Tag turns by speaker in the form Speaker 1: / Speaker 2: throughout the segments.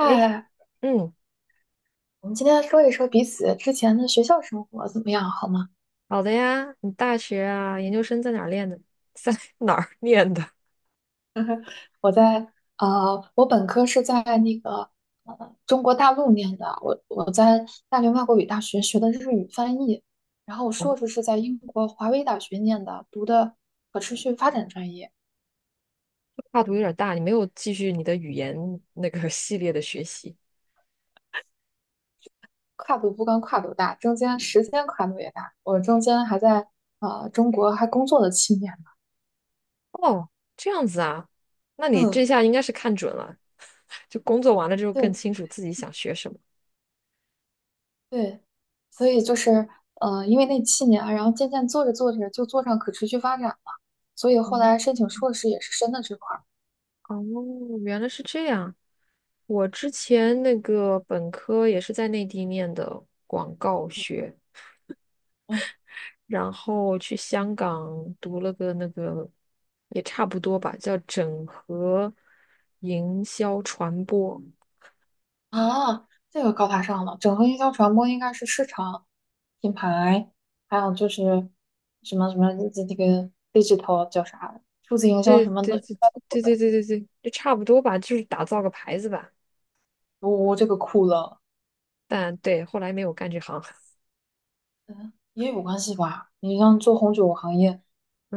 Speaker 1: 诶，嗯，
Speaker 2: 我们今天说一说彼此之前的学校生活怎么样，好吗？
Speaker 1: 好的呀。你大学啊，研究生在哪儿练的？在 哪儿念的？
Speaker 2: 我在我本科是在中国大陆念的，我在大连外国语大学学的日语翻译，然后我硕士是在英国华威大学念的，读的可持续发展专业，
Speaker 1: 跨度有点大，你没有继续你的语言那个系列的学习。
Speaker 2: 跨度不光跨度大，中间时间跨度也大，我中间还在中国还工作了七年呢。
Speaker 1: 哦，这样子啊，那你这
Speaker 2: 嗯，
Speaker 1: 下应该是看准了，就工作完了之后更
Speaker 2: 对
Speaker 1: 清楚自己想学什么。
Speaker 2: 对，所以就是因为那七年啊，然后渐渐做着做着就做上可持续发展了，所以
Speaker 1: 哦，
Speaker 2: 后来申请硕士也是申的这块儿。
Speaker 1: 哦，原来是这样。我之前那个本科也是在内地念的广告学，
Speaker 2: 嗯
Speaker 1: 然后去香港读了个那个，也差不多吧，叫整合营销传播。
Speaker 2: 啊，这个高大上了，整合营销传播应该是市场、品牌，还有就是什么什么这个 digital 叫啥，数字营销
Speaker 1: 对
Speaker 2: 什么
Speaker 1: 对
Speaker 2: 的，应
Speaker 1: 对
Speaker 2: 该都有
Speaker 1: 对对
Speaker 2: 的。
Speaker 1: 对对对，就差不多吧，就是打造个牌子吧。
Speaker 2: 这个酷了，
Speaker 1: 但对，后来没有干这行。
Speaker 2: 嗯，也有关系吧。你像做红酒行业，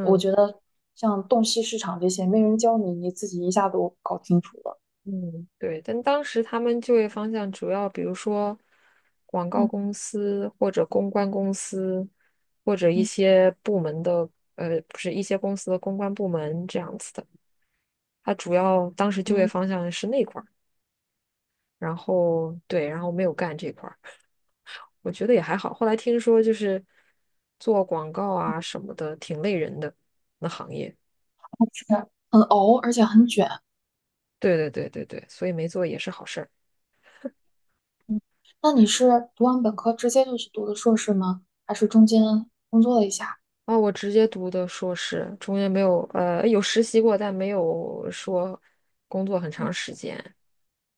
Speaker 2: 我觉得像洞悉市场这些，没人教你，你自己一下都搞清楚了。
Speaker 1: 嗯，对。但当时他们就业方向主要，比如说广告
Speaker 2: 嗯。
Speaker 1: 公司或者公关公司，或者一
Speaker 2: 嗯
Speaker 1: 些部门的，不是一些公司的公关部门这样子的。他主要当时就业
Speaker 2: 嗯，
Speaker 1: 方向是那块儿，然后对，然后没有干这块儿，我觉得也还好。后来听说就是做广告啊什么的，挺累人的那行业。
Speaker 2: 是很熬，而且很卷。
Speaker 1: 对对对对对，所以没做也是好事儿。
Speaker 2: 嗯，那你是读完本科直接就去读的硕士吗？还是中间工作了一下？
Speaker 1: 啊，我直接读的硕士，中间没有有实习过，但没有说工作很长
Speaker 2: 嗯
Speaker 1: 时间。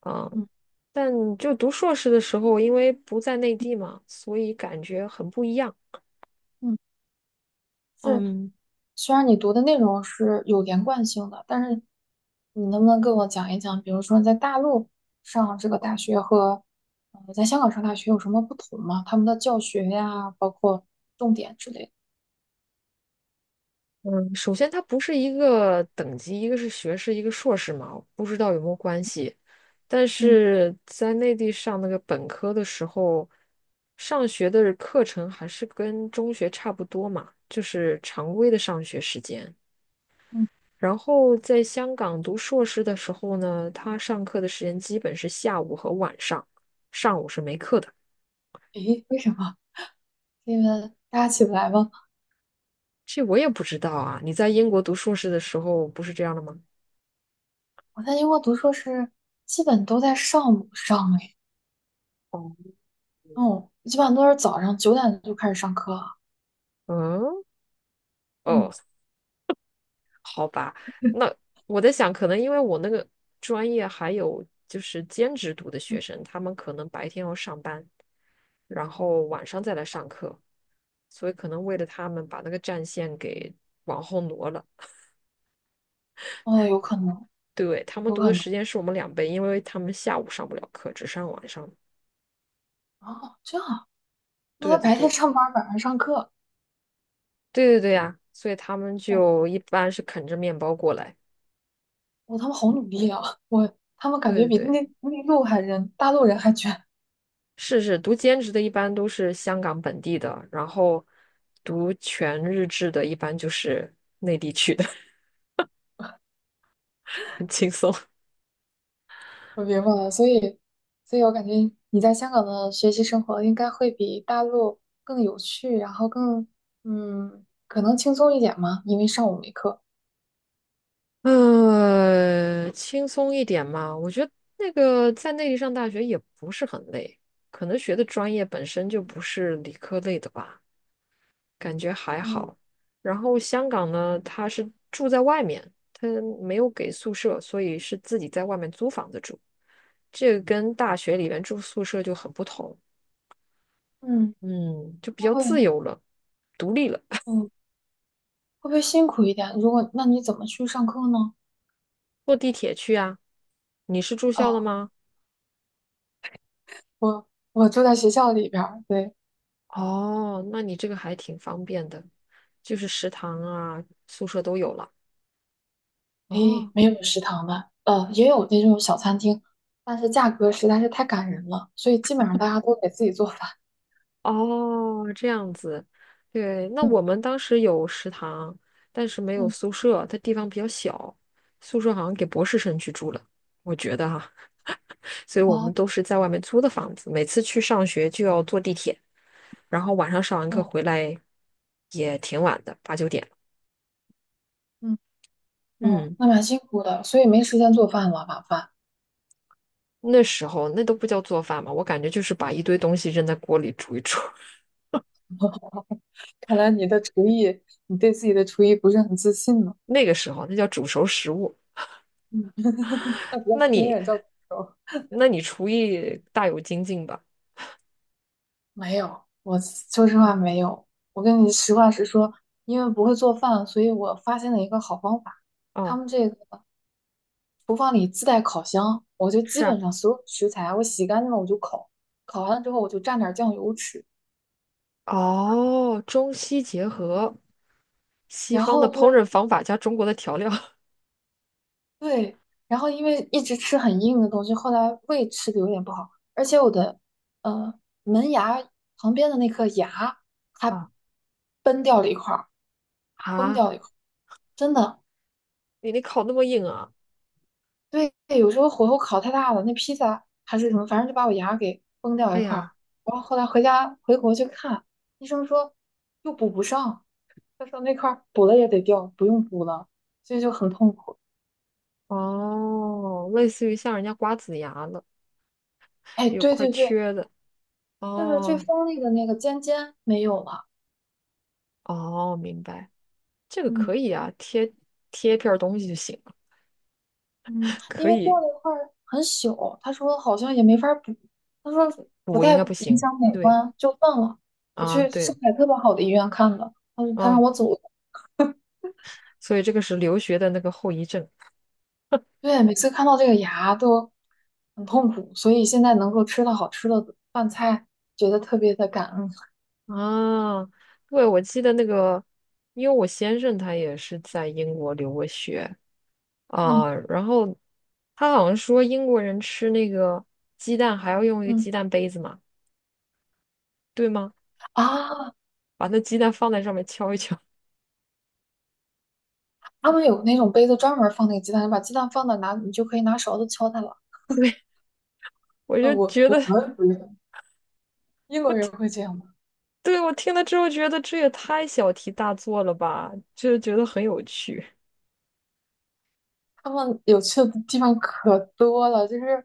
Speaker 1: 嗯，
Speaker 2: 嗯
Speaker 1: 但就读硕士的时候，因为不在内地嘛，所以感觉很不一样。
Speaker 2: 嗯，是，
Speaker 1: 嗯。
Speaker 2: 虽然你读的内容是有连贯性的，但是你能不能跟我讲一讲，比如说在大陆上这个大学和在香港上大学有什么不同吗？他们的教学呀，包括重点之类的。
Speaker 1: 首先，它不是一个等级，一个是学士，一个硕士嘛，我不知道有没有关系。但
Speaker 2: 嗯
Speaker 1: 是在内地上那个本科的时候，上学的课程还是跟中学差不多嘛，就是常规的上学时间。
Speaker 2: 嗯，
Speaker 1: 然后在香港读硕士的时候呢，他上课的时间基本是下午和晚上，上午是没课的。
Speaker 2: 诶，为什么？是因为大家起不来吗？
Speaker 1: 这我也不知道啊，你在英国读硕士的时候不是这样的吗？
Speaker 2: 我在英国读硕士，基本都在上午上诶，
Speaker 1: 哦
Speaker 2: 哦，基本上都是早上9点就开始上课了
Speaker 1: 嗯，哦。
Speaker 2: 嗯，
Speaker 1: 好吧，那我在想，可能因为我那个专业还有就是兼职读的
Speaker 2: 嗯
Speaker 1: 学生，他们可能白天要上班，然后晚上再来上课，所以可能为了他们把那个战线给往后挪了。
Speaker 2: 哦，有可能，
Speaker 1: 对，他们
Speaker 2: 有
Speaker 1: 读
Speaker 2: 可
Speaker 1: 的
Speaker 2: 能。
Speaker 1: 时间是我们两倍，因为他们下午上不了课，只上晚上。
Speaker 2: 哦，这样啊，那
Speaker 1: 对
Speaker 2: 他
Speaker 1: 对
Speaker 2: 白天
Speaker 1: 对，
Speaker 2: 上班，晚上上课。
Speaker 1: 对对对呀，所以他们
Speaker 2: 哦，
Speaker 1: 就一般是啃着面包过来。
Speaker 2: 他们好努力啊！他们感
Speaker 1: 对
Speaker 2: 觉
Speaker 1: 对
Speaker 2: 比
Speaker 1: 对。
Speaker 2: 内内陆还人，大陆人还卷。
Speaker 1: 是是，读兼职的一般都是香港本地的，然后读全日制的一般就是内地去的，很轻松。
Speaker 2: 我明白了，所以我感觉你在香港的学习生活应该会比大陆更有趣，然后更可能轻松一点嘛，因为上午没课。
Speaker 1: 轻松一点嘛，我觉得那个在内地上大学也不是很累，可能学的专业本身就不是理科类的吧，感觉还
Speaker 2: 嗯，
Speaker 1: 好。然后香港呢，他是住在外面，他没有给宿舍，所以是自己在外面租房子住。这个跟大学里面住宿舍就很不同，
Speaker 2: 嗯，
Speaker 1: 嗯，就比
Speaker 2: 那
Speaker 1: 较自
Speaker 2: 会。
Speaker 1: 由了，独立了，
Speaker 2: 嗯。会不会辛苦一点？如果，那你怎么去上课呢？
Speaker 1: 坐地铁去啊。你是住校的
Speaker 2: 哦，
Speaker 1: 吗？
Speaker 2: 我住在学校里边儿，对，
Speaker 1: 哦，那你这个还挺方便的，就是食堂啊、宿舍都有了。
Speaker 2: 诶，
Speaker 1: 哦，
Speaker 2: 没有食堂的，也有那种小餐厅，但是价格实在是太感人了，所以基本上大家都得自己做饭。
Speaker 1: 哦，这样子，对，那
Speaker 2: 嗯
Speaker 1: 我们当时有食堂，但是没有
Speaker 2: 嗯，
Speaker 1: 宿舍，它地方比较小，宿舍好像给博士生去住了，我觉得哈、所以我们
Speaker 2: 哦
Speaker 1: 都是在外面租的房子，每次去上学就要坐地铁，然后晚上上完课
Speaker 2: 哦
Speaker 1: 回来也挺晚的，八九点了。
Speaker 2: 嗯哦，
Speaker 1: 嗯，
Speaker 2: 那蛮辛苦的，所以没时间做饭了，晚饭。
Speaker 1: 那时候那都不叫做饭嘛，我感觉就是把一堆东西扔在锅里煮一煮，
Speaker 2: 看来你的厨艺，你对自己的厨艺不是很自信呢。
Speaker 1: 那个时候那叫煮熟食物。
Speaker 2: 嗯，那不要
Speaker 1: 那
Speaker 2: 轻
Speaker 1: 你
Speaker 2: 言叫苦
Speaker 1: 那你厨艺大有精进吧？
Speaker 2: 没有，我说实话没有。我跟你实话实说，因为不会做饭，所以我发现了一个好方法。他
Speaker 1: 哦，
Speaker 2: 们这个厨房里自带烤箱，我就基
Speaker 1: 是啊，
Speaker 2: 本上所有食材啊我洗干净了我就烤，烤完了之后我就蘸点酱油吃。
Speaker 1: 哦，中西结合，西
Speaker 2: 然
Speaker 1: 方
Speaker 2: 后
Speaker 1: 的
Speaker 2: 就
Speaker 1: 烹饪
Speaker 2: 是
Speaker 1: 方法加中国的调料
Speaker 2: 对，然后因为一直吃很硬的东西，后来胃吃的有点不好，而且我的呃门牙旁边的那颗牙它
Speaker 1: 啊
Speaker 2: 崩掉了一块儿，崩
Speaker 1: 啊！
Speaker 2: 掉了一块儿，真的。
Speaker 1: 你烤那么硬啊？
Speaker 2: 对，有时候火候烤太大了，那披萨还是什么，反正就把我牙给崩掉
Speaker 1: 哎
Speaker 2: 一块儿。
Speaker 1: 呀，
Speaker 2: 然后后来回家回国去看，医生说又补不上，他说那块儿补了也得掉，不用补了，所以就很痛苦。
Speaker 1: 哦，类似于像人家瓜子牙了，
Speaker 2: 哎，
Speaker 1: 有
Speaker 2: 对
Speaker 1: 块
Speaker 2: 对对，
Speaker 1: 缺的。
Speaker 2: 就是最
Speaker 1: 哦
Speaker 2: 锋利的那个尖尖没有了。
Speaker 1: 哦，明白，这个可
Speaker 2: 嗯
Speaker 1: 以啊，贴一片儿东西就行，
Speaker 2: 嗯，因
Speaker 1: 可
Speaker 2: 为掉
Speaker 1: 以。
Speaker 2: 了一块儿很小，他说好像也没法儿补，他说不
Speaker 1: 补应
Speaker 2: 太
Speaker 1: 该不
Speaker 2: 影
Speaker 1: 行。
Speaker 2: 响美
Speaker 1: 对
Speaker 2: 观，就算了。我
Speaker 1: 啊，
Speaker 2: 去上
Speaker 1: 对，
Speaker 2: 海特别好的医院看的，嗯，他让
Speaker 1: 啊，
Speaker 2: 我走。
Speaker 1: 所以这个是留学的那个后遗症。
Speaker 2: 对，每次看到这个牙都很痛苦，所以现在能够吃到好吃的饭菜，觉得特别的感恩。
Speaker 1: 啊，对，我记得那个，因为我先生他也是在英国留过学
Speaker 2: 嗯
Speaker 1: 啊，然后他好像说英国人吃那个鸡蛋还要用一个
Speaker 2: 嗯
Speaker 1: 鸡蛋杯子嘛，对吗？
Speaker 2: 啊，
Speaker 1: 把那鸡蛋放在上面敲一敲，
Speaker 2: 他们有那种杯子专门放那个鸡蛋，你把鸡蛋放到哪，你就可以拿勺子敲它了。
Speaker 1: 我就
Speaker 2: 我
Speaker 1: 觉得，
Speaker 2: 我们不是英国人会这样吗？
Speaker 1: 对，我听了之后觉得这也太小题大做了吧，就是觉得很有趣。
Speaker 2: 他们有趣的地方可多了，就是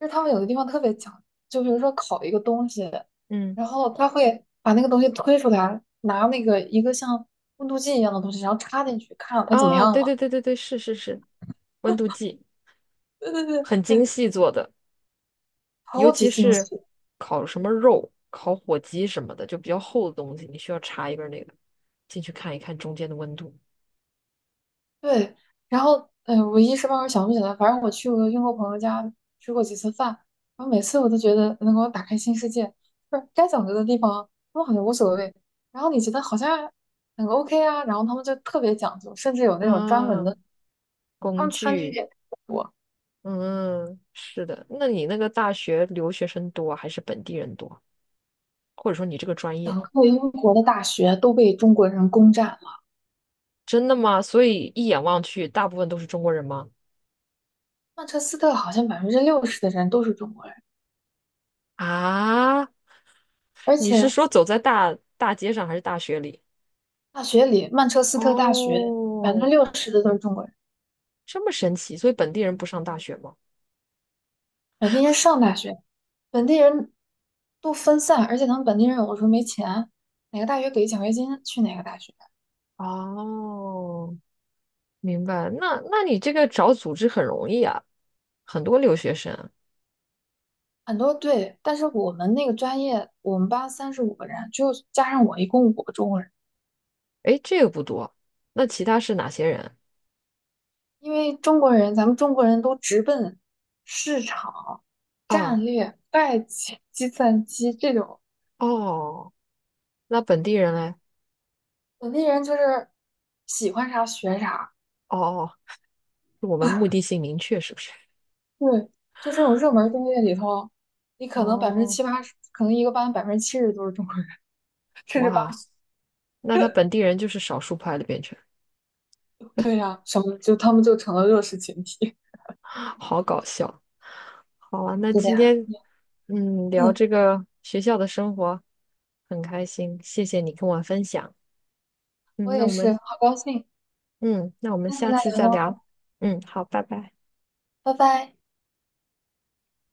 Speaker 2: 就是他们有的地方特别讲究，就比如说烤一个东西，
Speaker 1: 嗯，
Speaker 2: 然后他会把那个东西推出来，拿一个像温度计一样的东西，然后插进去，看它怎么
Speaker 1: 啊，
Speaker 2: 样
Speaker 1: 对对
Speaker 2: 了。
Speaker 1: 对对对，是是是，温度计
Speaker 2: 对对对，
Speaker 1: 很精细做的。尤
Speaker 2: 超
Speaker 1: 其
Speaker 2: 级惊
Speaker 1: 是
Speaker 2: 喜。
Speaker 1: 烤什么肉、烤火鸡什么的，就比较厚的东西，你需要插一根那个进去看一看中间的温度。
Speaker 2: 对，然后我一时半会儿想不起来，反正我去我英国朋友家吃过几次饭，然后每次我都觉得能给我打开新世界，就是该讲究的地方他们好像无所谓，然后你觉得好像很 OK 啊，然后他们就特别讲究，甚至有那种专门
Speaker 1: 啊，
Speaker 2: 的，他
Speaker 1: 工
Speaker 2: 们餐具
Speaker 1: 具，
Speaker 2: 也特别多。
Speaker 1: 嗯，是的。那你那个大学留学生多还是本地人多？或者说你这个专业，
Speaker 2: 整个英国的大学都被中国人攻占了，
Speaker 1: 真的吗？所以一眼望去，大部分都是中国人吗？
Speaker 2: 曼彻斯特好像百分之六十的人都是中国人，
Speaker 1: 啊，
Speaker 2: 而
Speaker 1: 你是
Speaker 2: 且
Speaker 1: 说走在大大街上还是大学里？
Speaker 2: 大学里曼彻斯特大学百分之
Speaker 1: 哦，
Speaker 2: 六十的都是中国人。
Speaker 1: 这么神奇，所以本地人不上大学吗？
Speaker 2: 本地人上大学，本地人都分散，而且他们本地人有的时候没钱，哪个大学给奖学金去哪个大学，
Speaker 1: 哦，明白。那你这个找组织很容易啊，很多留学生。
Speaker 2: 很多对。但是我们那个专业，我们班35个人，就加上我一共五个中国人，
Speaker 1: 诶，这个不多。那其他是哪些人
Speaker 2: 因为中国人，咱们中国人都直奔市场、
Speaker 1: 啊？
Speaker 2: 战略、会计、计算机这种，
Speaker 1: 哦，那本地人嘞？
Speaker 2: 本地人就是喜欢啥学啥，
Speaker 1: 哦哦，是我们目的性明确，是不是？
Speaker 2: 对，就这种热门专业里头，你可能百分之
Speaker 1: 哦，
Speaker 2: 七八十，可能一个班70%都是中国人，甚至八。
Speaker 1: 哇，
Speaker 2: 十。
Speaker 1: 那他 本地人就是少数派的变成，
Speaker 2: 对呀、什么就他们就成了弱势群体。
Speaker 1: 好搞笑。好啊，那
Speaker 2: 是的
Speaker 1: 今
Speaker 2: 呀，
Speaker 1: 天嗯聊
Speaker 2: 嗯，
Speaker 1: 这个学校的生活很开心，谢谢你跟我分享。嗯，
Speaker 2: 我
Speaker 1: 那
Speaker 2: 也
Speaker 1: 我
Speaker 2: 是，
Speaker 1: 们
Speaker 2: 好高兴，
Speaker 1: 嗯，那我们
Speaker 2: 下次
Speaker 1: 下
Speaker 2: 再
Speaker 1: 次
Speaker 2: 聊
Speaker 1: 再聊。
Speaker 2: 喽，
Speaker 1: 嗯，好，拜拜。
Speaker 2: 拜拜。